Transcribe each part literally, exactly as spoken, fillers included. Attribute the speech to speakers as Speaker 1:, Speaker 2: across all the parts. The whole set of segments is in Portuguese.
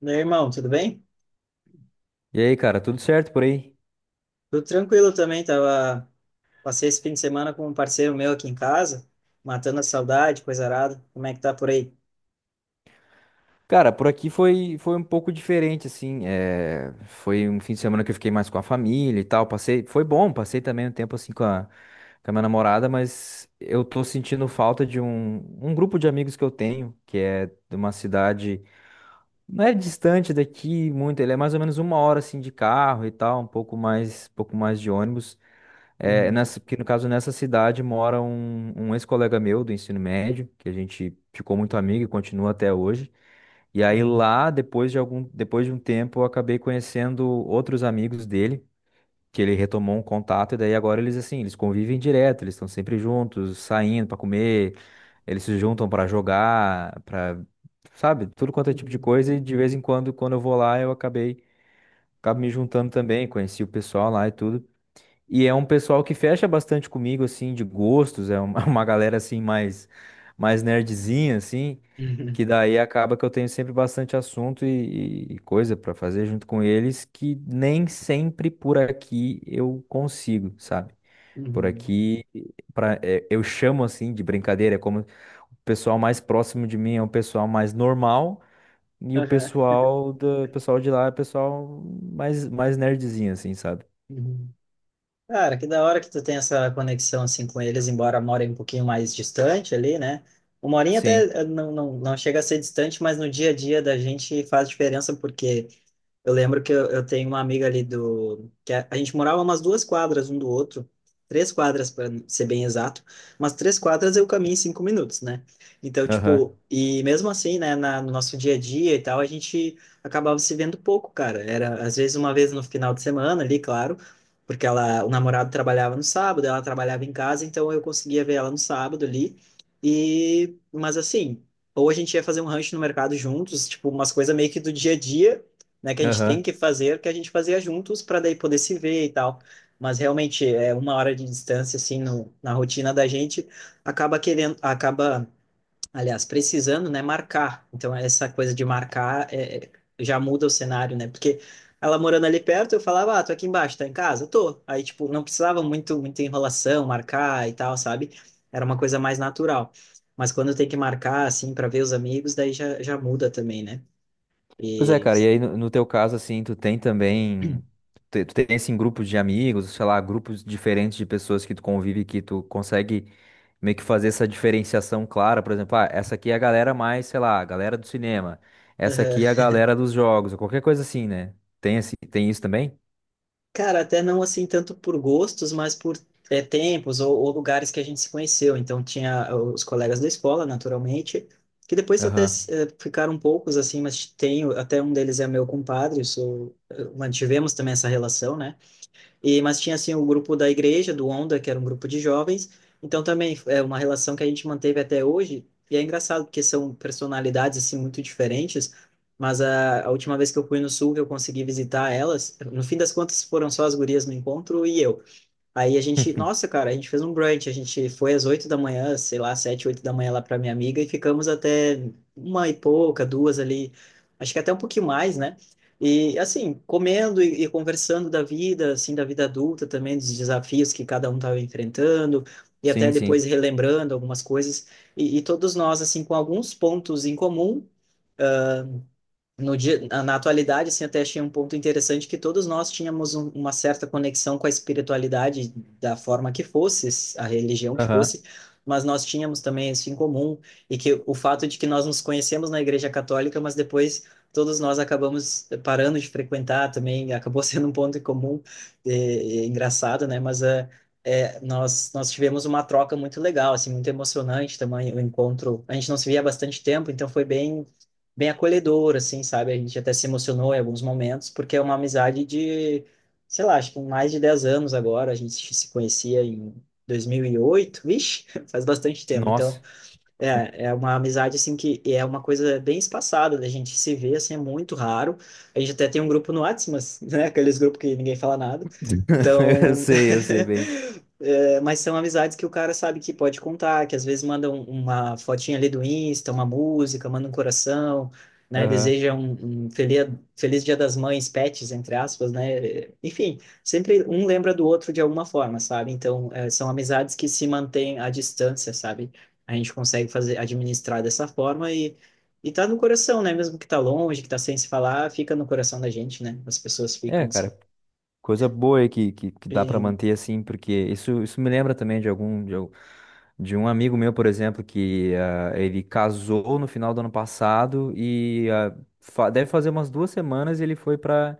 Speaker 1: Meu irmão, tudo bem?
Speaker 2: E aí, cara, tudo certo por aí?
Speaker 1: Tudo tranquilo também, tava. Passei esse fim de semana com um parceiro meu aqui em casa, matando a saudade, coisa arada. Como é que tá por aí?
Speaker 2: Cara, por aqui foi, foi um pouco diferente, assim. É, foi um fim de semana que eu fiquei mais com a família e tal. Passei, foi bom, passei também um tempo assim com a, com a minha namorada, mas eu tô sentindo falta de um, um grupo de amigos que eu tenho, que é de uma cidade, não é distante daqui muito, ele é mais ou menos uma hora assim de carro e tal, um pouco mais, pouco mais de ônibus. É, nessa, porque no caso, nessa cidade mora um, um ex-colega meu do ensino médio, que a gente ficou muito amigo e continua até hoje. E aí
Speaker 1: Uhum,
Speaker 2: lá, depois de algum, depois de um tempo, eu acabei conhecendo outros amigos dele, que ele retomou um contato, e daí agora eles assim, eles convivem direto, eles estão sempre juntos, saindo para comer, eles se juntam para jogar, para, sabe, tudo quanto é tipo de
Speaker 1: uhum,
Speaker 2: coisa, e de vez em quando, quando eu vou lá, eu acabei, acabo me
Speaker 1: uhum,
Speaker 2: juntando também, conheci o pessoal lá e tudo. E é um pessoal que fecha bastante comigo, assim, de gostos, é uma, uma galera, assim, mais, mais nerdzinha, assim,
Speaker 1: uhum,
Speaker 2: que
Speaker 1: uhum,
Speaker 2: daí acaba que eu tenho sempre bastante assunto e, e e coisa pra fazer junto com eles, que nem sempre por aqui eu consigo, sabe? Por
Speaker 1: uhum,
Speaker 2: aqui, pra, é, eu chamo, assim, de brincadeira, é como o pessoal mais próximo de mim é o pessoal mais normal, e o
Speaker 1: aham,
Speaker 2: pessoal, do, pessoal de lá é o pessoal mais, mais nerdzinho, assim, sabe?
Speaker 1: uhum. Cara, que da hora que tu tem essa conexão assim com eles, embora morem um pouquinho mais distante ali, né? Uma horinha até
Speaker 2: Sim.
Speaker 1: eh, não, não, não chega a ser distante, mas no dia a dia da gente faz diferença porque eu lembro que eu, eu tenho uma amiga ali do... que a, a gente morava umas duas quadras um do outro. Três quadras, para ser bem exato. Mas três quadras eu caminho em cinco minutos, né? Então,
Speaker 2: Aham.
Speaker 1: tipo. E mesmo assim, né? Na- no nosso dia a dia e tal, a gente acabava se vendo pouco, cara. Era, às vezes, uma vez no final de semana ali, claro. Porque ela, o namorado trabalhava no sábado, ela trabalhava em casa. Então, eu conseguia ver ela no sábado ali. E. Mas assim. Ou a gente ia fazer um rancho no mercado juntos, tipo, umas coisas meio que do dia a dia, né, que a gente tem
Speaker 2: Aham.
Speaker 1: que fazer, que a gente fazia juntos para daí poder se ver e tal. Mas realmente é uma hora de distância assim no, na rotina da gente acaba querendo, acaba, aliás, precisando, né, marcar. Então essa coisa de marcar é, é, já muda o cenário, né? Porque ela morando ali perto, eu falava, ah, tô aqui embaixo, tá em casa? Tô. Aí tipo, não precisava muito muita enrolação, marcar e tal, sabe? Era uma coisa mais natural. Mas quando tem que marcar assim para ver os amigos, daí já, já muda também, né?
Speaker 2: Pois é,
Speaker 1: E
Speaker 2: cara, e aí no, no teu caso, assim, tu tem também, tu, tu tem, assim, grupos de amigos, sei lá, grupos diferentes de pessoas que tu convive, que tu consegue meio que fazer essa diferenciação clara, por exemplo, ah, essa aqui é a galera mais, sei lá, a galera do cinema, essa aqui é a galera dos jogos, ou qualquer coisa assim, né? Tem, assim, tem isso também?
Speaker 1: cara, até não assim tanto por gostos, mas por é, tempos ou, ou lugares que a gente se conheceu. Então tinha ah, os colegas da escola, naturalmente, que depois até
Speaker 2: Aham.
Speaker 1: eh, ficaram poucos assim, mas tenho até um deles é meu compadre, eu sou, eh, mantivemos também essa relação, né? E, mas tinha, assim, o grupo da igreja, do Onda, que era um grupo de jovens. Então, também é uma relação que a gente manteve até hoje. E é engraçado, porque são personalidades, assim, muito diferentes. Mas a, a última vez que eu fui no Sul, que eu consegui visitar elas, no fim das contas, foram só as gurias no encontro e eu. Aí a gente, nossa, cara, a gente fez um brunch, a gente foi às oito da manhã, sei lá, sete, oito da manhã lá pra minha amiga e ficamos até uma e pouca, duas ali, acho que até um pouquinho mais, né? E assim, comendo e, e conversando da vida, assim, da vida adulta também, dos desafios que cada um estava enfrentando e até
Speaker 2: Sim, sim.
Speaker 1: depois relembrando algumas coisas e, e todos nós, assim, com alguns pontos em comum no dia, na atualidade, assim, até achei um ponto interessante que todos nós tínhamos um, uma certa conexão com a espiritualidade da forma que fosse, a religião que
Speaker 2: Aham.
Speaker 1: fosse, mas nós tínhamos também isso em comum e que o fato de que nós nos conhecemos na Igreja Católica, mas depois todos nós acabamos parando de frequentar também, acabou sendo um ponto em comum, é, é engraçado, né? Mas é, é, nós, nós tivemos uma troca muito legal, assim, muito emocionante também o encontro. A gente não se via há bastante tempo, então foi bem bem acolhedor, assim, sabe? A gente até se emocionou em alguns momentos, porque é uma amizade de, sei lá, acho que mais de dez anos agora. A gente se conhecia em dois mil e oito, vixe, faz bastante tempo. Então,
Speaker 2: Nossa.
Speaker 1: é, é uma amizade assim que é uma coisa bem espaçada, né? A gente se vê assim, é muito raro. A gente até tem um grupo no WhatsApp, mas, né? Aqueles grupos que ninguém fala nada.
Speaker 2: Eu
Speaker 1: Então,
Speaker 2: sei, eu sei bem.
Speaker 1: é, mas são amizades que o cara sabe que pode contar, que às vezes manda um- uma fotinha ali do Insta, uma música, manda um coração, né?
Speaker 2: Aham.
Speaker 1: Deseja um, um feliz, feliz Dia das Mães, pets, entre aspas, né? Enfim, sempre um lembra do outro de alguma forma, sabe? Então, é, são amizades que se mantêm à distância, sabe? A gente consegue fazer, administrar dessa forma e, e tá no coração, né? Mesmo que tá longe, que tá sem se falar, fica no coração da gente, né? As pessoas ficam
Speaker 2: É,
Speaker 1: assim.
Speaker 2: cara. Coisa boa aí que, que, que dá para
Speaker 1: E,
Speaker 2: manter assim, porque isso, isso me lembra também de algum de, al- de um amigo meu, por exemplo, que ah, ele casou no final do ano passado e ah, fa- deve fazer umas duas semanas ele foi para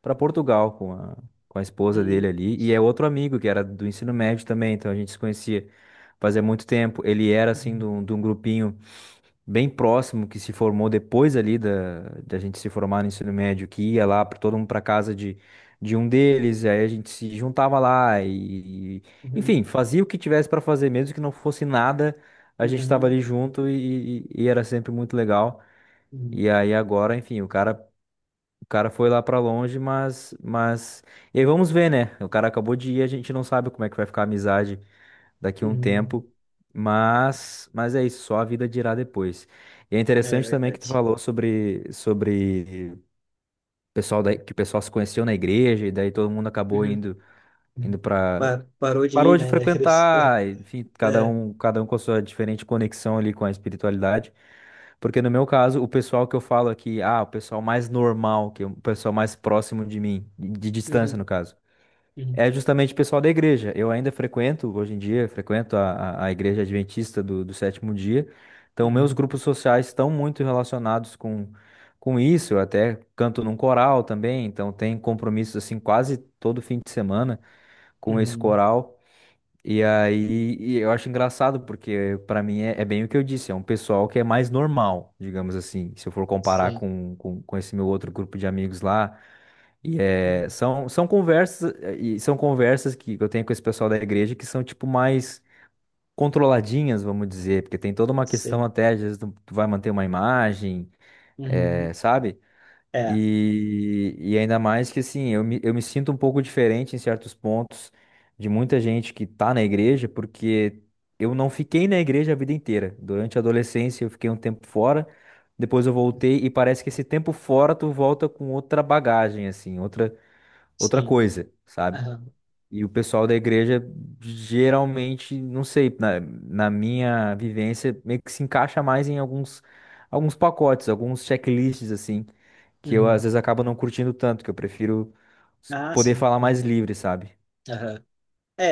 Speaker 2: para Portugal com a, com a esposa dele
Speaker 1: hum,
Speaker 2: ali. E é outro amigo que era do ensino médio também, então a gente se conhecia fazia muito tempo. Ele era assim de
Speaker 1: uhum,
Speaker 2: um de um grupinho bem próximo que se formou depois ali da, da gente se formar no ensino médio, que ia lá para todo mundo para casa de, de um deles, e aí a gente se juntava lá e, enfim,
Speaker 1: uhum,
Speaker 2: fazia o que tivesse para fazer, mesmo que não fosse nada, a gente estava
Speaker 1: uhum,
Speaker 2: ali junto e, e- e era sempre muito legal.
Speaker 1: uhum,
Speaker 2: E aí agora, enfim, o cara, o cara foi lá para longe, mas, mas, e aí vamos ver, né? O cara acabou de ir, a gente não sabe como é que vai ficar a amizade daqui a um
Speaker 1: uhum.
Speaker 2: tempo, mas mas é isso, só a vida dirá depois. E é
Speaker 1: É
Speaker 2: interessante também que tu
Speaker 1: verdade.
Speaker 2: falou sobre sobre pessoal da, que o pessoal se conheceu na igreja e daí todo mundo acabou
Speaker 1: Uhum,
Speaker 2: indo
Speaker 1: uhum.
Speaker 2: indo para
Speaker 1: Pa- parou de ir,
Speaker 2: parou de
Speaker 1: né? Da igreja.
Speaker 2: frequentar, enfim, cada
Speaker 1: É.
Speaker 2: um cada um com a sua diferente conexão ali com a espiritualidade. Porque no meu caso, o pessoal que eu falo aqui, ah, o pessoal mais normal, que é o pessoal mais próximo de mim, de de distância no
Speaker 1: Uhum,
Speaker 2: caso
Speaker 1: uhum,
Speaker 2: é justamente o pessoal da igreja. Eu ainda frequento, hoje em dia, frequento a, a, a igreja adventista do, do sétimo dia. Então, meus
Speaker 1: uhum,
Speaker 2: grupos sociais estão muito relacionados com, com isso. Eu até canto num coral também, então tem compromissos assim quase todo fim de semana com esse
Speaker 1: uhum.
Speaker 2: coral. E aí, e eu acho engraçado, porque pra mim é, é bem o que eu disse, é um pessoal que é mais normal, digamos assim, se eu for comparar
Speaker 1: Sim.
Speaker 2: com, com, com esse meu outro grupo de amigos lá. E é,
Speaker 1: Uhum,
Speaker 2: são, são conversas, eh, e são conversas que eu tenho com esse pessoal da igreja que são, tipo, mais controladinhas, vamos dizer, porque tem toda uma questão
Speaker 1: sim.
Speaker 2: até, às vezes tu tu vai manter uma imagem,
Speaker 1: Uhum.
Speaker 2: eh, sabe?
Speaker 1: É,
Speaker 2: E, e ainda mais que assim, eu me, eu me sinto um pouco diferente em certos pontos de muita gente que tá na igreja, porque eu não fiquei na igreja a vida inteira. Durante a adolescência eu fiquei um tempo fora, depois eu voltei e parece que esse tempo fora tu volta com outra bagagem, assim, outra, outra
Speaker 1: sim.
Speaker 2: coisa, sabe?
Speaker 1: Aham.
Speaker 2: E o pessoal da igreja geralmente, não sei, na, na minha vivência, meio que se encaixa mais em alguns, alguns pacotes, alguns checklists, assim que eu às
Speaker 1: Uhum.
Speaker 2: vezes acabo não curtindo tanto, que eu prefiro s-
Speaker 1: Ah,
Speaker 2: poder
Speaker 1: sim.
Speaker 2: falar mais
Speaker 1: Uhum.
Speaker 2: livre, sabe?
Speaker 1: Aham. É,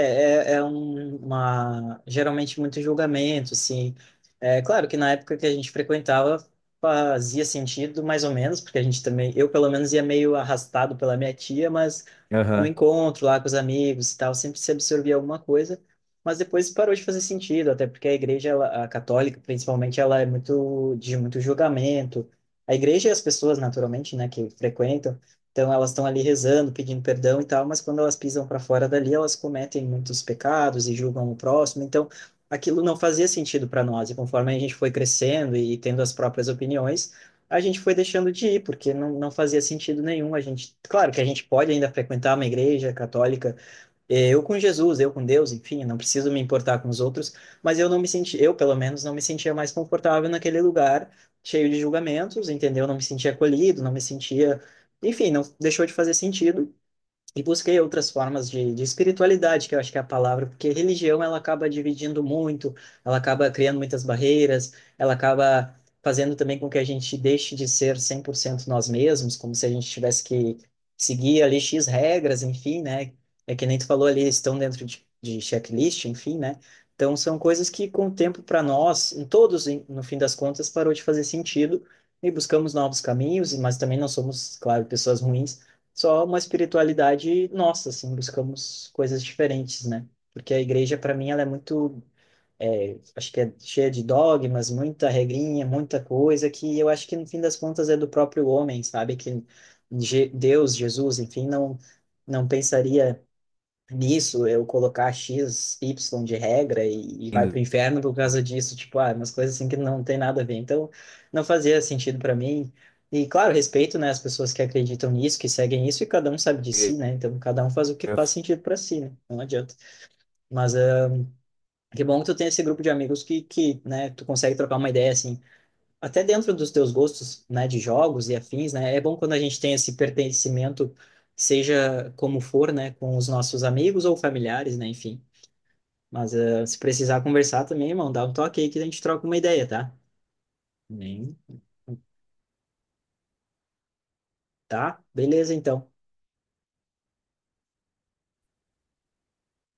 Speaker 1: é, é um- uma, geralmente muito julgamento, assim. É claro que na época que a gente frequentava fazia sentido, mais ou menos, porque a gente também, eu pelo menos ia meio arrastado pela minha tia, mas no
Speaker 2: Aham.
Speaker 1: encontro lá com os amigos e tal, sempre se absorvia alguma coisa, mas depois parou de fazer sentido, até porque a igreja, ela, a católica principalmente, ela é muito de muito julgamento. A igreja e as pessoas, naturalmente, né, que frequentam, então elas estão ali rezando, pedindo perdão e tal, mas quando elas pisam para fora dali, elas cometem muitos pecados e julgam o próximo. Então aquilo não fazia sentido para nós. E conforme a gente foi crescendo e tendo as próprias opiniões, a gente foi deixando de ir, porque não, não fazia sentido nenhum. A gente, claro que a gente pode ainda frequentar uma igreja católica é, eu com Jesus, eu com Deus, enfim, não preciso me importar com os outros, mas eu não me senti, eu pelo menos não me sentia mais confortável naquele lugar cheio de julgamentos, entendeu? Não me sentia acolhido, não me sentia, enfim, não deixou de fazer sentido e busquei outras formas de, de espiritualidade, que eu acho que é a palavra, porque religião ela acaba dividindo muito, ela acaba criando muitas barreiras, ela acaba fazendo também com que a gente deixe de ser cem por cento nós mesmos, como se a gente tivesse que seguir ali X regras, enfim, né? É que nem tu falou ali, estão dentro de, de checklist, enfim, né? Então são coisas que com o tempo para nós, em todos, em- no fim das contas, parou de fazer sentido e buscamos novos caminhos, mas também não somos, claro, pessoas ruins, só uma espiritualidade nossa, assim, buscamos coisas diferentes, né? Porque a igreja, para mim, ela é muito, é, acho que é cheia de dogmas, muita regrinha, muita coisa que eu acho que no fim das contas é do próprio homem, sabe? Que Je- Deus, Jesus, enfim, não não pensaria nisso, eu colocar X, Y de regra e, e vai pro
Speaker 2: Indo-
Speaker 1: inferno por causa disso, tipo, ah, umas coisas assim que não tem nada a ver. Então, não fazia sentido para mim. E, claro, respeito, né, as pessoas que acreditam nisso, que seguem isso, e cada um sabe de si,
Speaker 2: Eu
Speaker 1: né? Então, cada um faz o que
Speaker 2: ia
Speaker 1: faz sentido para si, né? Não adianta. Mas, ah, que bom que tu tem esse grupo de amigos que, que, né, tu consegue trocar uma ideia, assim, até dentro dos teus gostos, né, de jogos e afins, né? É bom quando a gente tem esse pertencimento, seja como for, né, com os nossos amigos ou familiares, né, enfim. Mas eh, se precisar conversar também, irmão, dá um toque aí que a gente troca uma ideia, tá? Nem. Tá? Beleza, então.